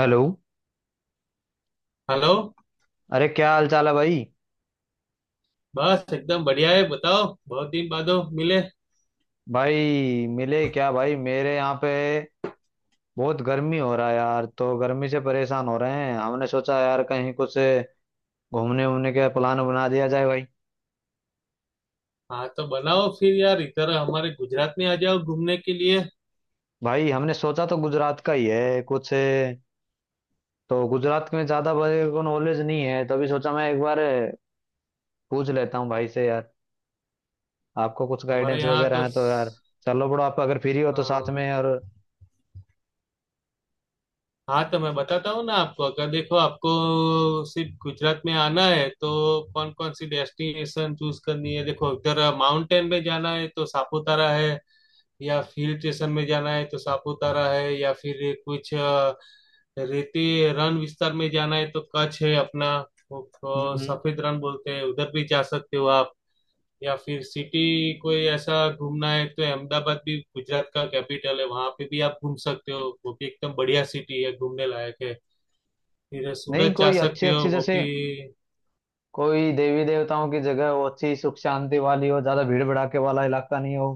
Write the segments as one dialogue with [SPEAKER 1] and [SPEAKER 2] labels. [SPEAKER 1] Hello.
[SPEAKER 2] Hello.
[SPEAKER 1] अरे क्या हाल चाल है भाई।
[SPEAKER 2] बस एकदम बढ़िया है, बताओ, बहुत दिन बादो मिले।
[SPEAKER 1] भाई मिले क्या? भाई मेरे यहाँ पे बहुत गर्मी हो रहा है यार, तो गर्मी से परेशान हो रहे हैं। हमने सोचा यार कहीं कुछ घूमने वूमने का प्लान बना दिया जाए भाई।
[SPEAKER 2] हाँ, तो बनाओ फिर यार, इधर हमारे गुजरात में आ जाओ घूमने के लिए।
[SPEAKER 1] भाई हमने सोचा तो गुजरात का ही है कुछ, तो गुजरात में ज़्यादा मेरे को नॉलेज नहीं है, तभी सोचा मैं एक बार पूछ लेता हूँ भाई से यार। आपको कुछ
[SPEAKER 2] हमारे
[SPEAKER 1] गाइडेंस
[SPEAKER 2] यहाँ
[SPEAKER 1] वगैरह
[SPEAKER 2] तो
[SPEAKER 1] है तो यार चलो बड़ो, आप अगर फ्री हो तो साथ
[SPEAKER 2] हाँ।
[SPEAKER 1] में। और
[SPEAKER 2] हाँ तो मैं बताता हूँ ना आपको, अगर देखो आपको सिर्फ गुजरात में आना है तो कौन कौन सी डेस्टिनेशन चूज करनी है। देखो इधर माउंटेन में जाना है तो सापुतारा है, या हिल स्टेशन में जाना है तो सापुतारा है, या फिर कुछ रेती रण विस्तार में जाना है तो कच्छ है अपना। वो,
[SPEAKER 1] हम्म हम्म।
[SPEAKER 2] सफेद रण बोलते हैं उधर भी जा सकते हो आप। या फिर सिटी कोई ऐसा घूमना है तो अहमदाबाद भी गुजरात का कैपिटल है, वहां पे भी आप घूम सकते हो, वो भी एकदम बढ़िया सिटी है घूमने लायक है। फिर
[SPEAKER 1] नहीं,
[SPEAKER 2] सूरत जा
[SPEAKER 1] कोई अच्छी
[SPEAKER 2] सकते हो
[SPEAKER 1] अच्छी
[SPEAKER 2] वो
[SPEAKER 1] जैसे
[SPEAKER 2] भी।
[SPEAKER 1] कोई देवी देवताओं की जगह हो, अच्छी सुख शांति वाली हो, ज्यादा भीड़ भड़ाके वाला इलाका नहीं हो।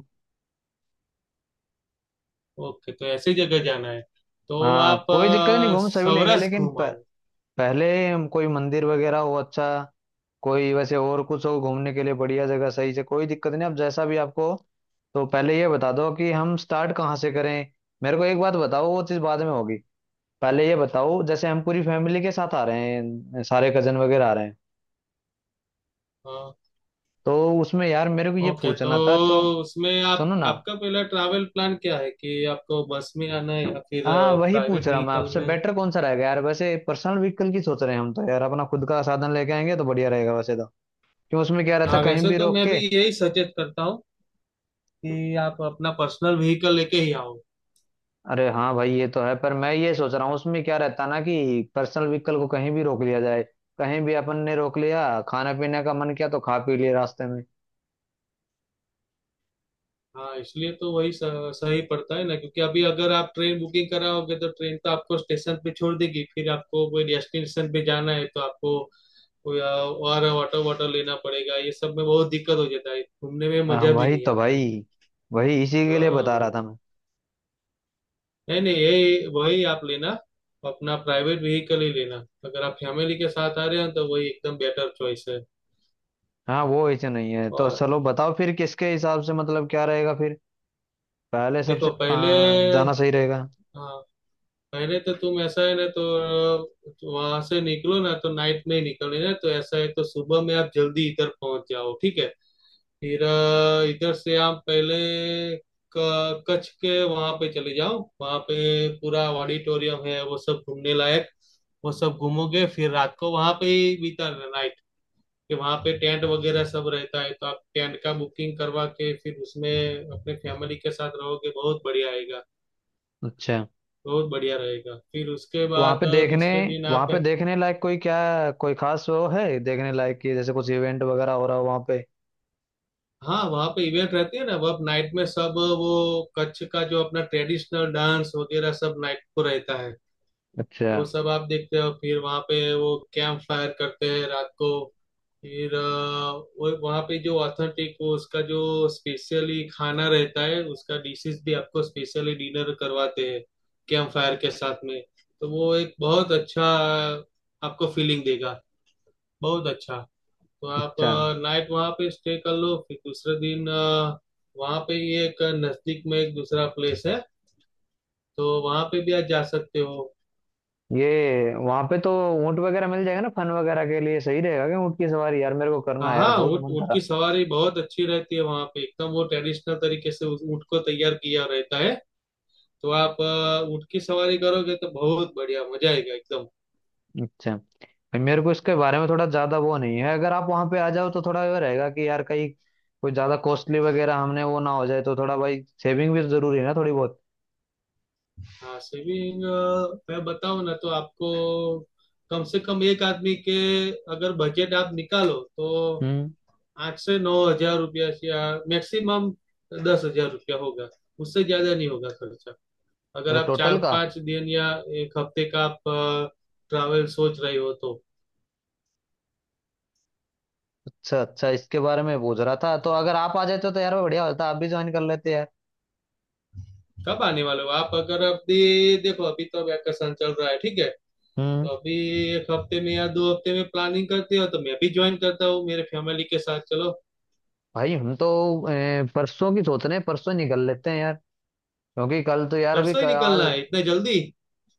[SPEAKER 2] ओके, तो ऐसी जगह जाना है तो
[SPEAKER 1] हाँ
[SPEAKER 2] आप
[SPEAKER 1] कोई दिक्कत नहीं, घूम सभी लेंगे,
[SPEAKER 2] सौराष्ट्र
[SPEAKER 1] लेकिन
[SPEAKER 2] घूम आओ।
[SPEAKER 1] पहले हम कोई मंदिर वगैरह हो अच्छा, कोई वैसे और कुछ हो घूमने के लिए बढ़िया जगह, सही से कोई दिक्कत नहीं, अब जैसा भी आपको। तो पहले ये बता दो कि हम स्टार्ट कहाँ से करें। मेरे को एक बात बताओ, वो चीज़ बाद में होगी। पहले ये बताओ, जैसे हम पूरी फैमिली के साथ आ रहे हैं, सारे कजन वगैरह आ रहे हैं,
[SPEAKER 2] हाँ।
[SPEAKER 1] तो उसमें यार मेरे को ये
[SPEAKER 2] ओके तो
[SPEAKER 1] पूछना था तो
[SPEAKER 2] उसमें आप,
[SPEAKER 1] सुनो ना।
[SPEAKER 2] आपका पहला ट्रैवल प्लान क्या है कि आपको बस में आना है या फिर
[SPEAKER 1] हाँ वही पूछ
[SPEAKER 2] प्राइवेट
[SPEAKER 1] रहा मैं
[SPEAKER 2] व्हीकल
[SPEAKER 1] आपसे,
[SPEAKER 2] में।
[SPEAKER 1] बेटर कौन सा रहेगा यार। वैसे पर्सनल व्हीकल की सोच रहे हैं हम, तो यार अपना खुद का साधन लेके आएंगे तो बढ़िया रहेगा वैसे तो। क्यों, उसमें क्या रहता
[SPEAKER 2] हाँ,
[SPEAKER 1] कहीं
[SPEAKER 2] वैसे
[SPEAKER 1] भी
[SPEAKER 2] तो
[SPEAKER 1] रोक
[SPEAKER 2] मैं भी
[SPEAKER 1] के?
[SPEAKER 2] यही सजेस्ट करता हूँ कि आप अपना पर्सनल व्हीकल लेके ही आओ।
[SPEAKER 1] अरे हाँ भाई ये तो है, पर मैं ये सोच रहा हूँ उसमें क्या रहता ना कि पर्सनल व्हीकल को कहीं भी रोक लिया जाए, कहीं भी अपन ने रोक लिया, खाना पीने का मन किया तो खा पी लिया रास्ते में।
[SPEAKER 2] हाँ इसलिए तो वही सही पड़ता है ना, क्योंकि अभी अगर आप ट्रेन बुकिंग कराओगे तो ट्रेन तो आपको स्टेशन पे छोड़ देगी, फिर आपको कोई डेस्टिनेशन पे जाना है तो आपको और ऑटो वाटो लेना पड़ेगा, ये सब में बहुत दिक्कत हो जाता है, घूमने में
[SPEAKER 1] हाँ,
[SPEAKER 2] मजा भी
[SPEAKER 1] वही
[SPEAKER 2] नहीं
[SPEAKER 1] तो
[SPEAKER 2] आता है।
[SPEAKER 1] भाई, वही इसी के लिए बता रहा
[SPEAKER 2] हाँ,
[SPEAKER 1] था मैं।
[SPEAKER 2] नहीं नहीं यही वही आप लेना, अपना प्राइवेट व्हीकल ही लेना। अगर आप फैमिली के साथ आ रहे हैं तो वही एकदम बेटर चॉइस है।
[SPEAKER 1] हाँ वो ऐसे नहीं है, तो
[SPEAKER 2] और
[SPEAKER 1] चलो बताओ फिर किसके हिसाब से मतलब क्या रहेगा फिर। पहले सबसे
[SPEAKER 2] देखो पहले,
[SPEAKER 1] कहाँ जाना सही रहेगा?
[SPEAKER 2] हाँ, अरे तो तुम ऐसा है ना तो वहां से निकलो ना तो नाइट में ही निकलना है, तो ऐसा है तो सुबह में आप जल्दी इधर पहुंच जाओ ठीक है। फिर इधर से आप पहले कच्छ के वहां पे चले जाओ, वहां पे पूरा ऑडिटोरियम है वो सब घूमने लायक। वो सब घूमोगे फिर रात को वहां पे ही बिताना नाइट, कि वहां पे टेंट वगैरह सब रहता है तो आप टेंट का बुकिंग करवा के फिर उसमें अपने फैमिली के साथ रहोगे, बहुत बढ़िया आएगा,
[SPEAKER 1] अच्छा,
[SPEAKER 2] बहुत बढ़िया रहेगा। फिर उसके
[SPEAKER 1] तो वहां
[SPEAKER 2] बाद
[SPEAKER 1] पे देखने,
[SPEAKER 2] दूसरे दिन
[SPEAKER 1] वहां
[SPEAKER 2] आप,
[SPEAKER 1] पे देखने लायक कोई क्या कोई खास वो है देखने लायक, कि जैसे कुछ इवेंट वगैरह हो रहा हो वहां पे?
[SPEAKER 2] हाँ वहाँ पे इवेंट रहती है ना, वह नाइट में सब। वो कच्छ का जो अपना ट्रेडिशनल डांस वगैरह सब नाइट को रहता है,
[SPEAKER 1] अच्छा
[SPEAKER 2] वो सब आप देखते हो। फिर वहाँ पे वो कैंप फायर करते हैं रात को, फिर वो वहाँ पे जो ऑथेंटिक वो उसका जो स्पेशली खाना रहता है, उसका डिशेस भी आपको स्पेशली डिनर करवाते हैं कैंप फायर के साथ में। तो वो एक बहुत अच्छा आपको फीलिंग देगा, बहुत अच्छा। तो आप
[SPEAKER 1] अच्छा।
[SPEAKER 2] नाइट वहां पे स्टे कर लो, फिर दूसरे दिन वहां पे ही एक नजदीक में एक दूसरा प्लेस है तो वहां पे भी आप जा सकते हो।
[SPEAKER 1] ये वहां पे तो ऊंट वगैरह मिल जाएगा ना फन वगैरह के लिए? सही रहेगा क्या? ऊंट की सवारी यार मेरे को करना
[SPEAKER 2] हाँ,
[SPEAKER 1] है यार,
[SPEAKER 2] हाँ,
[SPEAKER 1] बहुत
[SPEAKER 2] ऊँट
[SPEAKER 1] मन
[SPEAKER 2] ऊँट
[SPEAKER 1] करा।
[SPEAKER 2] की सवारी बहुत अच्छी रहती है, वहां पे एकदम वो ट्रेडिशनल तरीके से उस ऊँट को तैयार किया रहता है, तो आप ऊँट की सवारी करोगे तो बहुत बढ़िया मजा आएगा एकदम।
[SPEAKER 1] अच्छा। भाई, मेरे को इसके बारे में थोड़ा ज्यादा वो नहीं है। अगर आप वहां पे आ जाओ तो थोड़ा ये रहेगा कि यार कहीं कोई ज्यादा कॉस्टली वगैरह हमने वो ना हो जाए, तो थोड़ा भाई सेविंग भी जरूरी है ना थोड़ी बहुत।
[SPEAKER 2] हाँ सेविंग, मैं बताऊँ ना तो आपको कम से कम एक आदमी के अगर बजट आप निकालो तो
[SPEAKER 1] हम्म।
[SPEAKER 2] 8 से 9 हज़ार रुपया या मैक्सिमम 10 हज़ार रुपया होगा, उससे ज्यादा नहीं होगा खर्चा। अगर
[SPEAKER 1] अच्छा
[SPEAKER 2] आप चार
[SPEAKER 1] टोटल का।
[SPEAKER 2] पांच दिन या एक हफ्ते का आप ट्रैवल सोच रहे हो तो
[SPEAKER 1] अच्छा अच्छा, इसके बारे में पूछ रहा था। तो अगर आप आ जाते तो यार वो बढ़िया होता, आप भी ज्वाइन कर लेते यार।
[SPEAKER 2] कब आने वाले हो आप? अगर अभी देखो, अभी तो वैकेशन चल रहा है ठीक है, तो
[SPEAKER 1] हम्म।
[SPEAKER 2] अभी एक हफ्ते में या 2 हफ्ते में प्लानिंग करते हो तो मैं भी ज्वाइन करता हूँ मेरे फैमिली के साथ चलो।
[SPEAKER 1] भाई हम तो परसों की सोच रहे हैं, परसों निकल लेते हैं यार, क्योंकि कल तो यार अभी
[SPEAKER 2] परसों ही निकलना
[SPEAKER 1] आज।
[SPEAKER 2] है इतने जल्दी?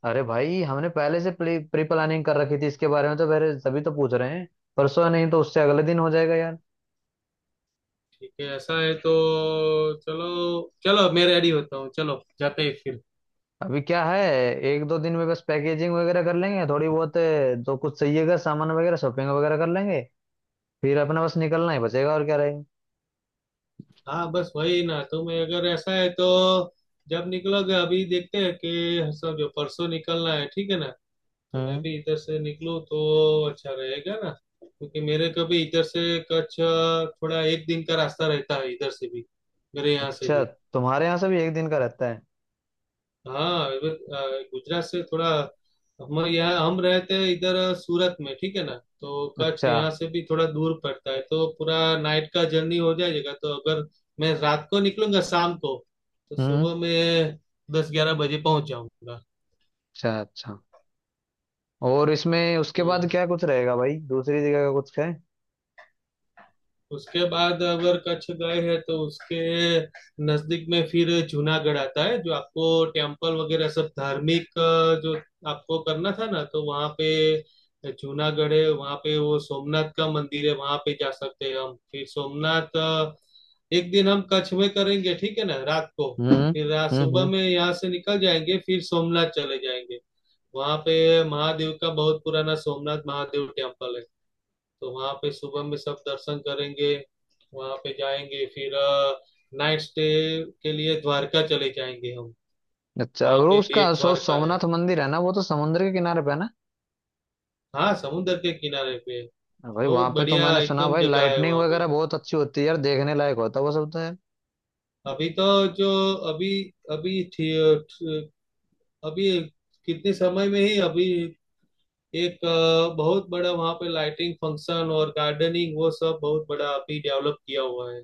[SPEAKER 1] अरे भाई हमने पहले से प्री प्लानिंग कर रखी थी इसके बारे में, तो फिर सभी तो पूछ रहे हैं। परसों नहीं तो उससे अगले दिन हो जाएगा यार।
[SPEAKER 2] ठीक है ऐसा है तो, चलो, चलो मैं रेडी होता हूँ, चलो जाते हैं फिर।
[SPEAKER 1] अभी क्या है, एक दो दिन में बस पैकेजिंग वगैरह कर लेंगे थोड़ी बहुत, जो कुछ चाहिएगा सामान वगैरह शॉपिंग वगैरह कर लेंगे, फिर अपना बस निकलना ही बचेगा, और क्या रहेगा।
[SPEAKER 2] हाँ बस वही ना, तो मैं अगर ऐसा है तो जब निकलोगे, अभी देखते हैं कि समझो परसों निकलना है ठीक है ना, तो मैं
[SPEAKER 1] हम्म।
[SPEAKER 2] भी इधर से निकलूँ तो अच्छा रहेगा ना, क्योंकि मेरे को भी इधर से कच्छ थोड़ा एक दिन का रास्ता रहता है, इधर से भी, मेरे यहाँ से
[SPEAKER 1] अच्छा,
[SPEAKER 2] भी।
[SPEAKER 1] तुम्हारे यहाँ से भी एक दिन का रहता है?
[SPEAKER 2] हाँ गुजरात से थोड़ा, हम रहते हैं इधर सूरत में ठीक है ना, तो कच्छ
[SPEAKER 1] अच्छा।
[SPEAKER 2] यहाँ से भी थोड़ा दूर पड़ता है, तो पूरा नाइट का जर्नी हो जाएगा, तो अगर मैं रात को निकलूंगा शाम को, तो
[SPEAKER 1] हम्म।
[SPEAKER 2] सुबह में 10-11 बजे पहुंच जाऊंगा।
[SPEAKER 1] अच्छा अच्छा, और इसमें उसके बाद
[SPEAKER 2] हम्म।
[SPEAKER 1] क्या कुछ रहेगा भाई? दूसरी जगह का कुछ है?
[SPEAKER 2] उसके बाद अगर कच्छ गए हैं तो उसके नजदीक में फिर जूनागढ़ आता है, जो आपको टेम्पल वगैरह सब धार्मिक जो आपको करना था ना तो वहाँ पे, जूनागढ़ है वहाँ पे, वो सोमनाथ का मंदिर है वहाँ पे, जा सकते हैं हम। फिर सोमनाथ, एक दिन हम कच्छ में करेंगे ठीक है ना रात को,
[SPEAKER 1] हम्म
[SPEAKER 2] फिर रात
[SPEAKER 1] हम्म।
[SPEAKER 2] सुबह
[SPEAKER 1] हम्म।
[SPEAKER 2] में यहाँ से निकल जाएंगे फिर सोमनाथ चले जाएंगे। वहाँ पे महादेव का बहुत पुराना सोमनाथ महादेव टेम्पल है, तो वहां पे सुबह में सब दर्शन करेंगे, वहां पे जाएंगे फिर नाइट स्टे के लिए द्वारका चले जाएंगे हम।
[SPEAKER 1] अच्छा,
[SPEAKER 2] वहां
[SPEAKER 1] और
[SPEAKER 2] पे
[SPEAKER 1] उसका
[SPEAKER 2] बेट
[SPEAKER 1] सो
[SPEAKER 2] द्वारका है,
[SPEAKER 1] सोमनाथ मंदिर है ना, वो तो समुद्र के किनारे पे है ना?
[SPEAKER 2] हाँ समुद्र के किनारे पे है।
[SPEAKER 1] हाँ भाई वहां
[SPEAKER 2] बहुत
[SPEAKER 1] पे तो
[SPEAKER 2] बढ़िया
[SPEAKER 1] मैंने सुना
[SPEAKER 2] एकदम
[SPEAKER 1] भाई
[SPEAKER 2] जगह है
[SPEAKER 1] लाइटनिंग
[SPEAKER 2] वहां पे।
[SPEAKER 1] वगैरह बहुत अच्छी होती है यार, देखने लायक होता है वो सब तो यार।
[SPEAKER 2] अभी तो जो अभी अभी थी, अभी कितने समय में ही अभी एक बहुत बड़ा वहां पे लाइटिंग फंक्शन और गार्डनिंग वो सब बहुत बड़ा अभी डेवलप किया हुआ है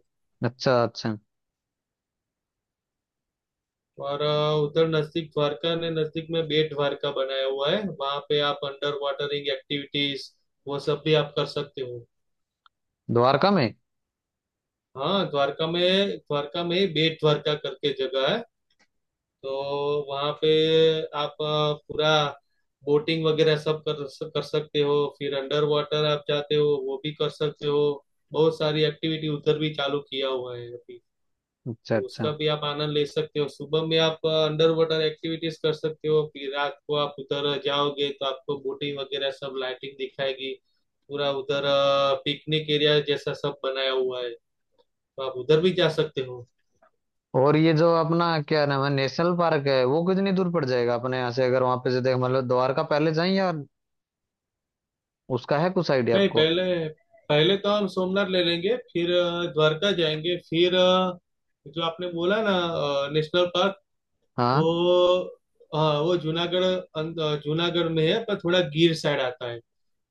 [SPEAKER 1] अच्छा अच्छा।
[SPEAKER 2] हमारा। उधर नजदीक द्वारका ने नजदीक में बेट द्वारका बनाया हुआ है, वहां पे आप अंडर वाटरिंग एक्टिविटीज वो सब भी आप कर सकते हो।
[SPEAKER 1] द्वारका में?
[SPEAKER 2] हाँ द्वारका में, द्वारका में ही बेट द्वारका करके जगह है, तो वहां पे आप पूरा बोटिंग वगैरह सब कर कर सकते हो, फिर अंडर वाटर आप जाते हो वो भी कर सकते हो, बहुत सारी एक्टिविटी उधर भी चालू किया हुआ है अभी,
[SPEAKER 1] अच्छा
[SPEAKER 2] तो
[SPEAKER 1] अच्छा।
[SPEAKER 2] उसका भी आप आनंद ले सकते हो। सुबह में आप अंडर वाटर एक्टिविटीज कर सकते हो, फिर रात को आप उधर जाओगे तो आपको बोटिंग वगैरह सब लाइटिंग दिखाएगी, पूरा उधर पिकनिक एरिया जैसा सब बनाया हुआ है, तो आप उधर भी जा सकते हो।
[SPEAKER 1] और ये जो अपना क्या नाम है, नेशनल पार्क है, वो कितनी दूर पड़ जाएगा अपने यहाँ से? अगर वहां पे से देख मतलब द्वारका पहले जाए या, उसका है कुछ आइडिया
[SPEAKER 2] नहीं
[SPEAKER 1] आपको?
[SPEAKER 2] पहले, पहले तो हम सोमनाथ ले लेंगे, फिर द्वारका जाएंगे, फिर जो आपने बोला ना नेशनल पार्क,
[SPEAKER 1] हाँ
[SPEAKER 2] वो, हाँ वो जूनागढ़ जूनागढ़ में है पर थोड़ा गिर साइड आता है,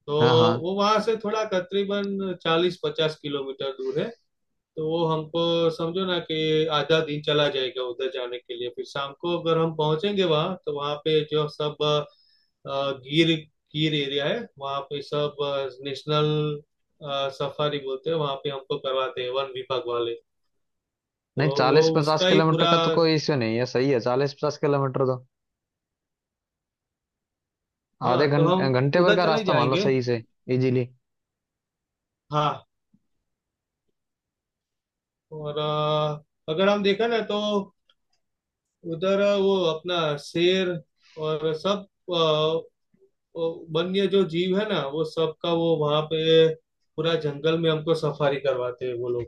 [SPEAKER 2] तो
[SPEAKER 1] हाँ। हाँ
[SPEAKER 2] वो वहां से थोड़ा करीबन 40-50 किलोमीटर दूर है, तो वो हमको, समझो ना कि आधा दिन चला जाएगा उधर जाने के लिए, फिर शाम को अगर हम पहुंचेंगे वहां तो वहां पे जो सब गिर गिर एरिया है वहां पे सब नेशनल, सफारी बोलते हैं वहां पे हमको करवाते हैं वन विभाग वाले, तो
[SPEAKER 1] नहीं,
[SPEAKER 2] वो
[SPEAKER 1] चालीस पचास
[SPEAKER 2] उसका ही
[SPEAKER 1] किलोमीटर
[SPEAKER 2] पूरा।
[SPEAKER 1] का तो कोई इश्यू नहीं है, सही है चालीस पचास किलोमीटर तो, आधे
[SPEAKER 2] हाँ तो
[SPEAKER 1] घंटे
[SPEAKER 2] हम
[SPEAKER 1] घंटे भर
[SPEAKER 2] उधर
[SPEAKER 1] का
[SPEAKER 2] चले
[SPEAKER 1] रास्ता मान लो
[SPEAKER 2] जाएंगे।
[SPEAKER 1] सही से। इजीली।
[SPEAKER 2] हाँ और अगर हम देखा ना तो उधर वो अपना शेर और सब अ, वो वन्य जो जीव है ना वो सबका वो वहां पे पूरा जंगल में हमको सफारी करवाते हैं वो लोग,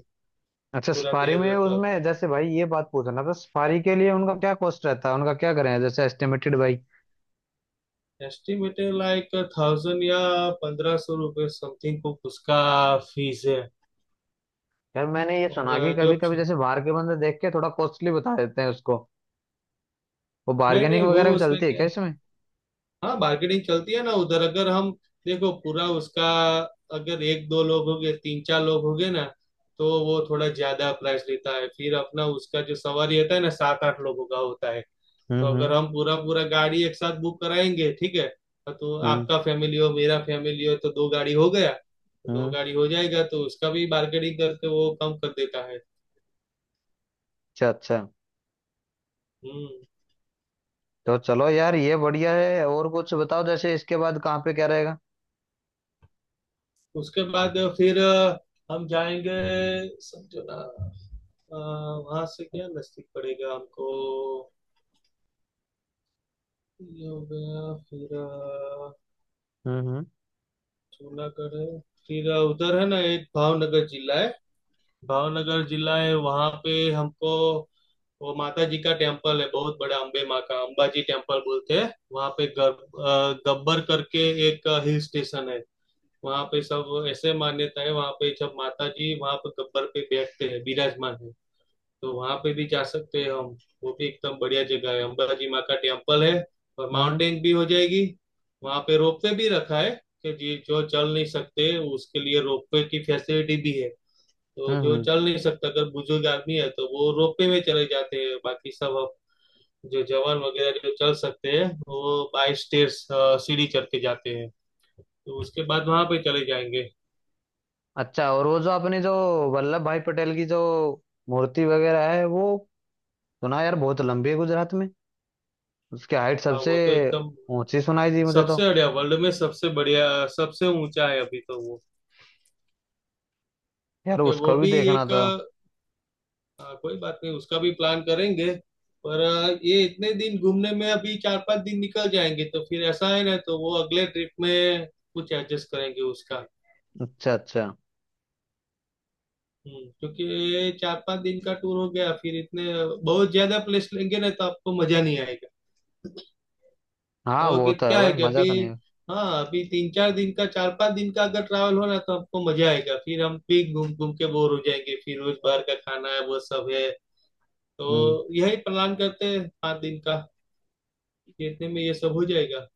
[SPEAKER 1] अच्छा
[SPEAKER 2] पूरा
[SPEAKER 1] सफारी
[SPEAKER 2] देर
[SPEAKER 1] में,
[SPEAKER 2] रात तक।
[SPEAKER 1] उसमें जैसे भाई ये बात पूछना था, सफारी के लिए उनका क्या कॉस्ट रहता है, उनका क्या करें जैसे एस्टिमेटेड भाई?
[SPEAKER 2] एस्टिमेटेड लाइक 1000 या 1500 रुपये समथिंग कुछ उसका फीस है।
[SPEAKER 1] यार मैंने ये
[SPEAKER 2] और
[SPEAKER 1] सुना कि
[SPEAKER 2] जो,
[SPEAKER 1] कभी कभी जैसे बाहर के बंदे देख के थोड़ा कॉस्टली बता देते हैं उसको। वो
[SPEAKER 2] नहीं नहीं
[SPEAKER 1] बार्गेनिंग
[SPEAKER 2] वो
[SPEAKER 1] वगैरह भी
[SPEAKER 2] उसमें
[SPEAKER 1] चलती है
[SPEAKER 2] क्या,
[SPEAKER 1] क्या इसमें?
[SPEAKER 2] हाँ मार्केटिंग चलती है ना उधर, अगर हम देखो पूरा उसका, अगर एक दो लोग हो गए तीन चार लोग हो गए ना तो वो थोड़ा ज्यादा प्राइस लेता है, फिर अपना उसका जो सवारी होता है ना सात आठ लोगों का होता है, तो
[SPEAKER 1] हम्म।
[SPEAKER 2] अगर हम पूरा पूरा गाड़ी एक साथ बुक कराएंगे ठीक है, तो
[SPEAKER 1] हम्म
[SPEAKER 2] आपका फैमिली हो मेरा फैमिली हो तो दो गाड़ी हो गया, तो दो
[SPEAKER 1] हम्म।
[SPEAKER 2] गाड़ी हो जाएगा, तो उसका भी मार्केटिंग करके वो कम कर देता है।
[SPEAKER 1] अच्छा अच्छा।
[SPEAKER 2] हम्म।
[SPEAKER 1] तो चलो यार ये बढ़िया है। और कुछ बताओ जैसे इसके बाद कहाँ पे क्या रहेगा?
[SPEAKER 2] उसके बाद फिर हम जाएंगे, समझो ना वहां से क्या नजदीक पड़ेगा हमको, ये हो गया, फिर
[SPEAKER 1] हम्म।
[SPEAKER 2] जूनागढ़ है, फिर उधर है ना एक भावनगर जिला है, भावनगर जिला है वहां पे हमको, वो माता जी का टेम्पल है बहुत बड़ा, अंबे माँ का अंबाजी टेम्पल बोलते हैं वहां पे, गब्बर करके एक हिल स्टेशन है, वहां पे सब ऐसे मान्यता है वहां पे जब माता जी वहां पे गब्बर पे बैठते हैं विराजमान है, तो वहां पे भी जा सकते हैं हम, वो भी एकदम बढ़िया जगह है, अंबाजी माँ का टेम्पल है, और
[SPEAKER 1] हम्म
[SPEAKER 2] माउंटेन भी हो जाएगी। वहां पे रोपवे भी रखा है कि जी जो चल नहीं सकते उसके लिए रोपवे की फैसिलिटी भी है, तो जो
[SPEAKER 1] हम्म।
[SPEAKER 2] चल नहीं सकता अगर बुजुर्ग आदमी है तो वो रोपवे में चले जाते हैं, बाकी सब अब जो जवान वगैरह जो चल सकते हैं वो बाई स्टेयर्स सीढ़ी चढ़ के जाते हैं, तो उसके बाद वहां पे चले जाएंगे।
[SPEAKER 1] अच्छा, और वो जो अपनी जो वल्लभ भाई पटेल की जो मूर्ति वगैरह है, वो सुना यार बहुत लंबी है गुजरात में, उसकी हाइट
[SPEAKER 2] हाँ
[SPEAKER 1] सबसे
[SPEAKER 2] वो तो एकदम
[SPEAKER 1] ऊंची सुनाई दी मुझे तो।
[SPEAKER 2] सबसे बढ़िया, वर्ल्ड में सबसे बढ़िया सबसे ऊंचा है अभी तो वो।
[SPEAKER 1] यार
[SPEAKER 2] ओके वो
[SPEAKER 1] उसको भी
[SPEAKER 2] भी
[SPEAKER 1] देखना
[SPEAKER 2] एक,
[SPEAKER 1] था।
[SPEAKER 2] कोई बात नहीं उसका भी प्लान करेंगे, पर ये इतने दिन घूमने में अभी 4-5 दिन निकल जाएंगे तो फिर ऐसा है ना, तो वो अगले ट्रिप में कुछ एडजस्ट करेंगे उसका।
[SPEAKER 1] अच्छा अच्छा।
[SPEAKER 2] हम्म, क्योंकि 4-5 दिन का टूर हो गया फिर इतने बहुत ज्यादा प्लेस लेंगे ना तो आपको मजा नहीं आएगा,
[SPEAKER 1] हाँ
[SPEAKER 2] और
[SPEAKER 1] वो तो है
[SPEAKER 2] क्या
[SPEAKER 1] भाई,
[SPEAKER 2] है कि
[SPEAKER 1] मजा
[SPEAKER 2] अभी,
[SPEAKER 1] तो नहीं है।
[SPEAKER 2] हाँ अभी 3-4 दिन का 4-5 दिन का अगर ट्रैवल हो ना तो आपको मजा आएगा, फिर हम भी घूम घूम के बोर हो जाएंगे, फिर रोज बाहर का खाना है वो सब है,
[SPEAKER 1] हम्म।
[SPEAKER 2] तो यही प्लान करते हैं 5 दिन का कि इतने में ये सब हो जाएगा।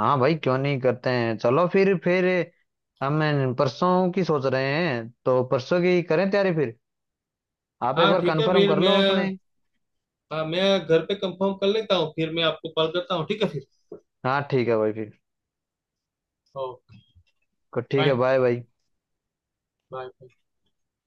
[SPEAKER 1] हाँ भाई क्यों नहीं, करते हैं चलो फिर। फिर हम परसों की सोच रहे हैं, तो परसों की करें तैयारी फिर। आप एक
[SPEAKER 2] हाँ
[SPEAKER 1] बार
[SPEAKER 2] ठीक है
[SPEAKER 1] कंफर्म
[SPEAKER 2] फिर
[SPEAKER 1] कर
[SPEAKER 2] मैं,
[SPEAKER 1] लो अपने।
[SPEAKER 2] हाँ मैं घर पे कंफर्म कर लेता हूँ फिर मैं आपको कॉल करता हूँ, ठीक है फिर।
[SPEAKER 1] हाँ ठीक है भाई फिर।
[SPEAKER 2] ओके।
[SPEAKER 1] ठीक है,
[SPEAKER 2] बाय।
[SPEAKER 1] बाय भाई।
[SPEAKER 2] बाय।